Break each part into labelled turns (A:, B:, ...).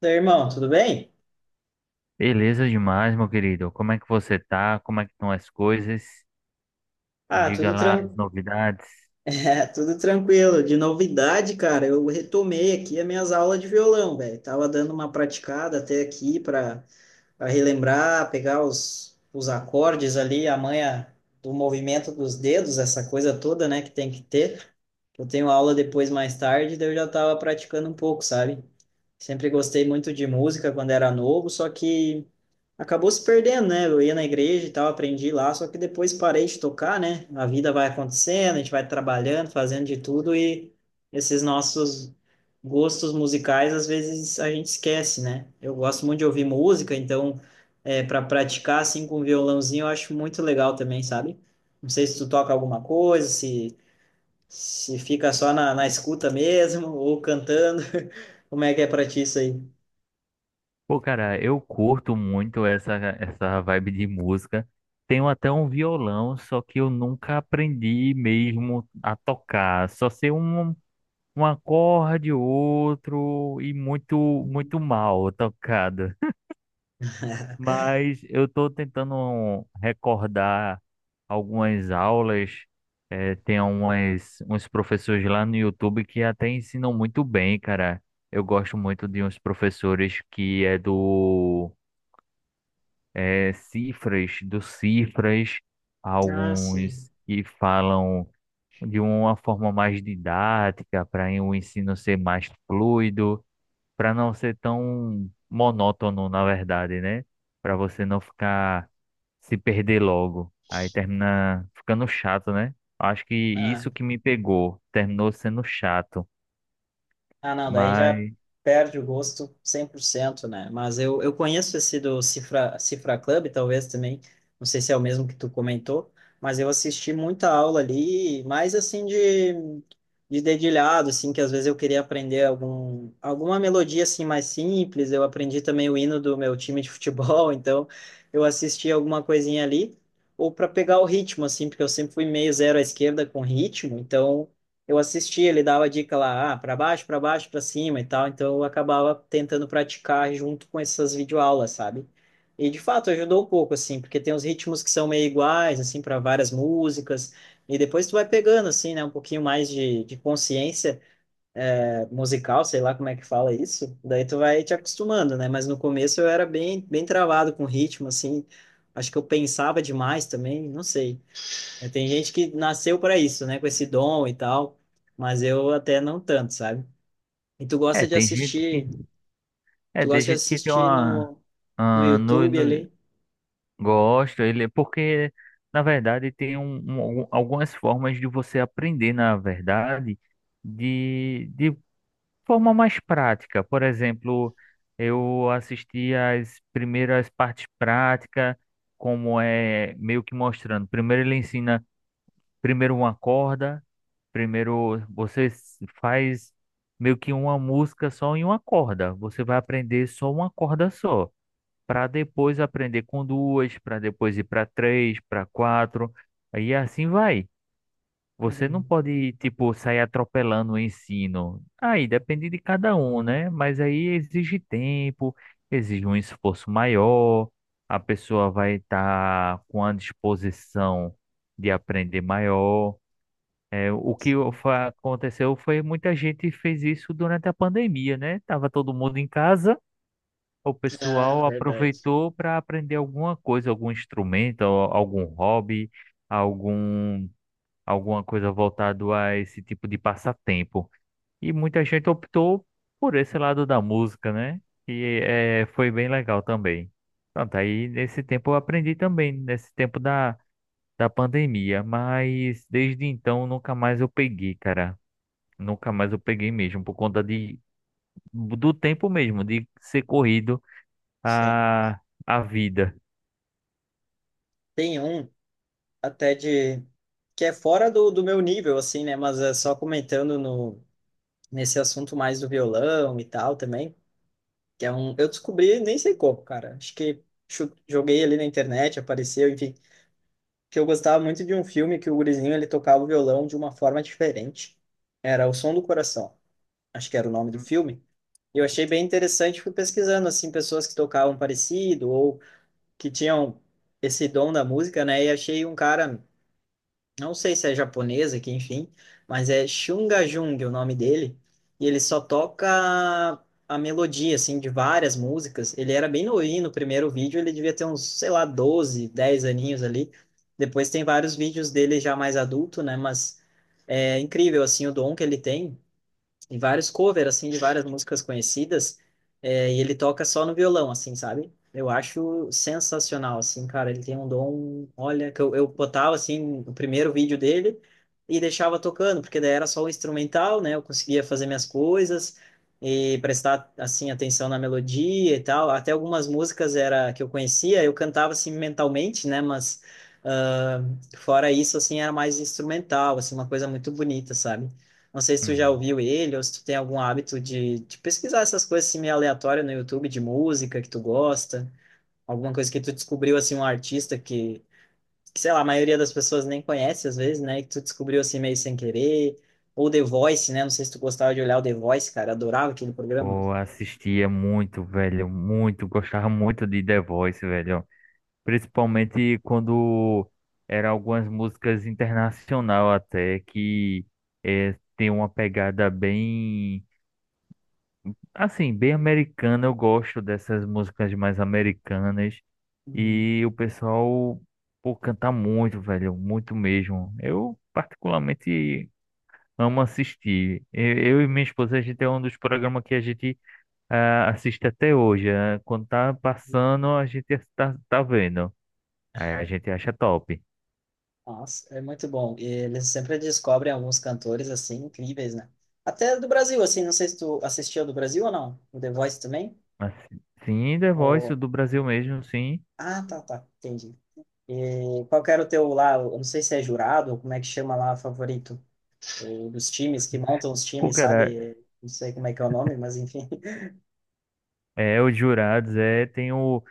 A: Daí, irmão, tudo bem?
B: Beleza demais, meu querido. Como é que você tá? Como é que estão as coisas? Me
A: Ah,
B: diga
A: tudo,
B: lá as novidades.
A: tudo tranquilo. De novidade, cara, eu retomei aqui as minhas aulas de violão, velho. Tava dando uma praticada até aqui para relembrar, pegar os acordes ali, a manha do movimento dos dedos, essa coisa toda, né, que tem que ter. Eu tenho aula depois mais tarde, daí eu já tava praticando um pouco, sabe? Sempre gostei muito de música quando era novo, só que acabou se perdendo, né? Eu ia na igreja e tal, aprendi lá, só que depois parei de tocar, né? A vida vai acontecendo, a gente vai trabalhando, fazendo de tudo e esses nossos gostos musicais às vezes a gente esquece, né? Eu gosto muito de ouvir música, então para praticar assim com um violãozinho eu acho muito legal também, sabe? Não sei se tu toca alguma coisa, se fica só na escuta mesmo, ou cantando, como é que é pra ti isso aí?
B: Pô, cara, eu curto muito essa vibe de música. Tenho até um violão, só que eu nunca aprendi mesmo a tocar. Só sei um, um acorde, outro e muito, muito mal tocado. Mas eu estou tentando recordar algumas aulas. Tem umas, uns professores lá no YouTube que até ensinam muito bem, cara. Eu gosto muito de uns professores que é do Cifras, do Cifras,
A: Ah, sim.
B: alguns que falam de uma forma mais didática para o ensino ser mais fluido, para não ser tão monótono, na verdade, né? Para você não ficar se perder logo. Aí termina ficando chato, né? Acho que
A: Ah,
B: isso que me pegou, terminou sendo chato.
A: Ah, não, daí já
B: Mas
A: perde o gosto 100%, né? Mas eu conheço esse do Cifra, Cifra Club, talvez também, não sei se é o mesmo que tu comentou, mas eu assisti muita aula ali, mais assim de dedilhado, assim, que às vezes eu queria aprender alguma melodia assim mais simples, eu aprendi também o hino do meu time de futebol, então eu assisti alguma coisinha ali, ou para pegar o ritmo, assim, porque eu sempre fui meio zero à esquerda com ritmo, então eu assistia, ele dava dica lá, ah, para baixo, para baixo, para cima e tal, então eu acabava tentando praticar junto com essas videoaulas, sabe? E de fato ajudou um pouco assim, porque tem uns ritmos que são meio iguais assim para várias músicas, e depois tu vai pegando assim, né, um pouquinho mais de consciência musical, sei lá como é que fala isso. Daí tu vai te acostumando, né? Mas no começo eu era bem bem travado com ritmo assim. Acho que eu pensava demais também, não sei. É, tem gente que nasceu para isso, né? Com esse dom e tal, mas eu até não tanto, sabe? E tu gosta
B: é,
A: de
B: tem gente que
A: assistir,
B: é,
A: tu
B: tem
A: gosta de
B: gente que tem
A: assistir
B: uma
A: no
B: ah, no,
A: YouTube
B: no,
A: ali?
B: gosta, ele é porque na verdade tem um, algum- algumas formas de você aprender, na verdade, de forma mais prática. Por exemplo, eu assisti as primeiras partes práticas, como é meio que mostrando. Primeiro ele ensina primeiro uma corda, primeiro você s- faz meio que uma música só em uma corda. Você vai aprender só uma corda só, para depois aprender com duas, para depois ir para três, para quatro, e assim vai. Você não
A: Uhum.
B: pode, tipo, sair atropelando o ensino. Aí depende de cada um, né? Mas aí exige tempo, exige um esforço maior, a pessoa vai estar com a disposição de aprender maior. É, o que
A: Sim.
B: aconteceu foi muita gente fez isso durante a pandemia, né? Tava todo mundo em casa, o
A: Ah,
B: pessoal
A: verdade.
B: aproveitou para aprender alguma coisa, algum instrumento, algum hobby, algum alguma coisa voltado a esse tipo de passatempo. E muita gente optou por esse lado da música, né? E é, foi bem legal também. Pronto, aí nesse tempo eu aprendi também, nesse tempo da pandemia, mas desde então nunca mais eu peguei, cara. Nunca mais eu peguei mesmo, por conta do tempo mesmo, de ser corrido
A: Sim.
B: a, a vida.
A: Tem um até de que é fora do, do meu nível, assim, né? Mas é só comentando no, nesse assunto mais do violão e tal também. Que é um. Eu descobri, nem sei como, cara. Acho que joguei ali na internet, apareceu, enfim, que eu gostava muito de um filme que o gurizinho ele tocava o violão de uma forma diferente. Era O Som do Coração, acho que era o nome do filme. E eu achei bem interessante, fui pesquisando assim pessoas que tocavam parecido ou que tinham esse dom da música, né? E achei um cara, não sei se é japonesa, que enfim, mas é Shunga Jung o nome dele, e ele só toca a melodia, assim, de várias músicas. Ele era bem novinho no primeiro vídeo, ele devia ter uns, sei lá, 12, 10 aninhos ali. Depois tem vários vídeos dele já mais adulto, né, mas é incrível, assim, o dom que ele tem e vários covers, assim, de várias músicas conhecidas, e ele toca só no violão, assim, sabe? Eu acho sensacional, assim, cara, ele tem um dom, olha, que eu botava, assim, o primeiro vídeo dele e deixava tocando, porque daí era só o instrumental, né, eu conseguia fazer minhas coisas e prestar, assim, atenção na melodia e tal, até algumas músicas era que eu conhecia, eu cantava, assim, mentalmente, né, mas... ah, fora isso, assim, era mais instrumental, assim, uma coisa muito bonita, sabe? Não sei se tu já
B: Hum.
A: ouviu ele ou se tu tem algum hábito de pesquisar essas coisas assim, meio aleatórias no YouTube de música que tu gosta, alguma coisa que tu descobriu assim um artista que sei lá, a maioria das pessoas nem conhece às vezes, né? E que tu descobriu assim meio sem querer, ou The Voice, né? Não sei se tu gostava de olhar o The Voice, cara, adorava aquele programa.
B: Pô, assistia muito, velho, muito, gostava muito de The Voice, velho. Principalmente quando eram algumas músicas internacional até, que tem uma pegada bem, assim, bem americana. Eu gosto dessas músicas mais americanas.
A: Uhum.
B: E o pessoal, pô, canta muito, velho, muito mesmo. Eu, particularmente, amo assistir. Eu e minha esposa, a gente é um dos programas que a gente, assiste até hoje. Quando tá passando, a gente tá, tá vendo. Aí a gente acha top.
A: Nossa, é muito bom. E eles sempre descobrem alguns cantores assim incríveis, né? Até do Brasil, assim, não sei se tu assistiu do Brasil ou não, o The Voice também?
B: Assim, sim, The Voice
A: Ou...
B: do Brasil mesmo, sim.
A: Ah, tá, tá, entendi. E qual que era o teu lá? Eu não sei se é jurado, ou como é que chama lá, favorito? O dos times que montam os
B: Pô,
A: times,
B: cara,
A: sabe? Não sei como é que é o nome, mas enfim.
B: é, os jurados, é, tem o...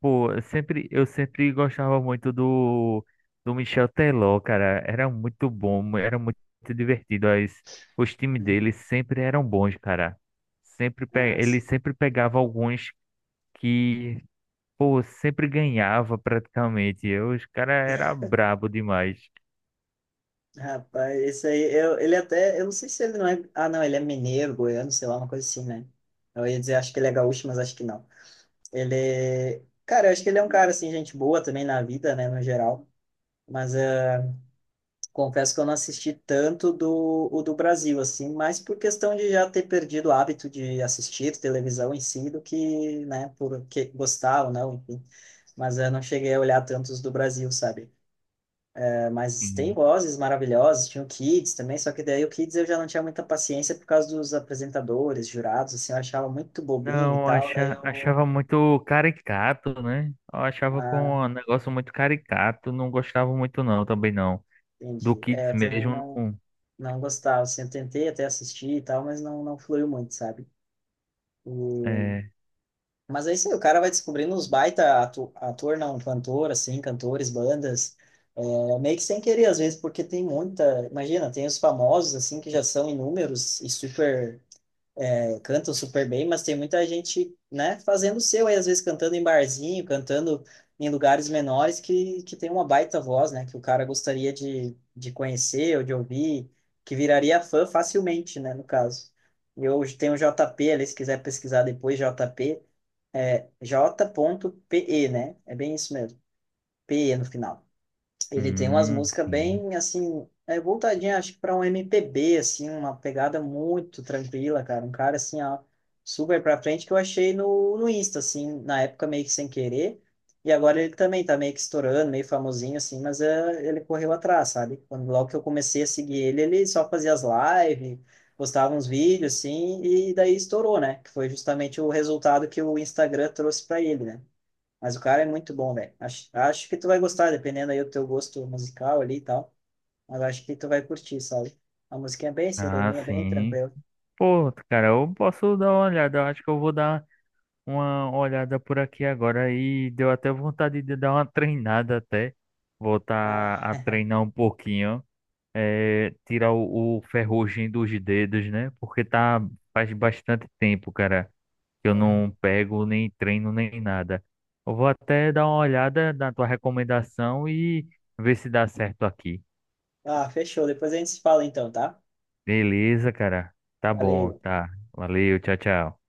B: Pô, eu sempre gostava muito do Michel Teló, cara. Era muito bom, era muito divertido. As, os times dele sempre eram bons, cara. Sempre, ele
A: Nossa.
B: sempre pegava alguns que, pô, sempre ganhava praticamente. Eu, os cara era brabo demais.
A: Rapaz, esse aí, eu, ele até, eu não sei se ele não é, ah não, ele é mineiro, goiano, sei lá, uma coisa assim, né? Eu ia dizer, acho que ele é gaúcho, mas acho que não. Ele, cara, eu acho que ele é um cara, assim, gente boa também na vida, né, no geral. Mas confesso que eu não assisti tanto o do Brasil, assim, mas por questão de já ter perdido o hábito de assistir televisão em si, do que, né, porque gostar ou não, enfim. Mas eu não cheguei a olhar tantos do Brasil, sabe? É, mas tem vozes maravilhosas, tinha o Kids também, só que daí o Kids eu já não tinha muita paciência por causa dos apresentadores, jurados, assim, eu achava muito bobinho e
B: Não,
A: tal, daí
B: acha,
A: eu...
B: achava muito caricato, né? Eu achava com
A: Ah,
B: um negócio muito caricato, não gostava muito não, também não. Do
A: entendi. É,
B: Kids
A: eu também
B: mesmo,
A: não,
B: não.
A: não gostava, assim, eu tentei até assistir e tal, mas não, não fluiu muito, sabe? E
B: É.
A: Mas aí sim, o cara vai descobrindo uns baita ator, não, cantor, assim, cantores, bandas, meio que sem querer, às vezes, porque tem muita, imagina, tem os famosos, assim, que já são inúmeros e super, cantam super bem, mas tem muita gente, né, fazendo o seu aí, às vezes cantando em barzinho, cantando em lugares menores que tem uma baita voz, né, que o cara gostaria de conhecer ou de ouvir, que viraria fã facilmente, né, no caso. Eu tenho o JP ali, se quiser pesquisar depois, JP, é J.PE, né? É bem isso mesmo. PE no final. Ele tem umas músicas
B: Sim.
A: bem, assim, voltadinha, acho que pra um MPB, assim, uma pegada muito tranquila, cara. Um cara, assim, ó, super pra frente, que eu achei no Insta, assim, na época meio que sem querer. E agora ele também tá meio que estourando, meio famosinho, assim, mas ele correu atrás, sabe? Quando, logo que eu comecei a seguir ele, ele só fazia as lives, postava uns vídeos, assim, e daí estourou, né? Que foi justamente o resultado que o Instagram trouxe pra ele, né? Mas o cara é muito bom, velho. Acho que tu vai gostar, dependendo aí do teu gosto musical ali e tal. Mas acho que tu vai curtir, sabe? A música é bem
B: Ah,
A: sereninha, bem
B: sim.
A: tranquila.
B: Pô, cara, eu posso dar uma olhada. Eu acho que eu vou dar uma olhada por aqui agora e deu até vontade de dar uma treinada até.
A: Ah,
B: Voltar a treinar um pouquinho. É, tirar o ferrugem dos dedos, né? Porque tá faz bastante tempo, cara. Eu
A: uhum.
B: não pego nem treino nem nada. Eu vou até dar uma olhada na tua recomendação e ver se dá certo aqui.
A: Fechou. Depois a gente se fala então, tá?
B: Beleza, cara? Tá
A: Valeu.
B: bom, tá. Valeu, tchau, tchau.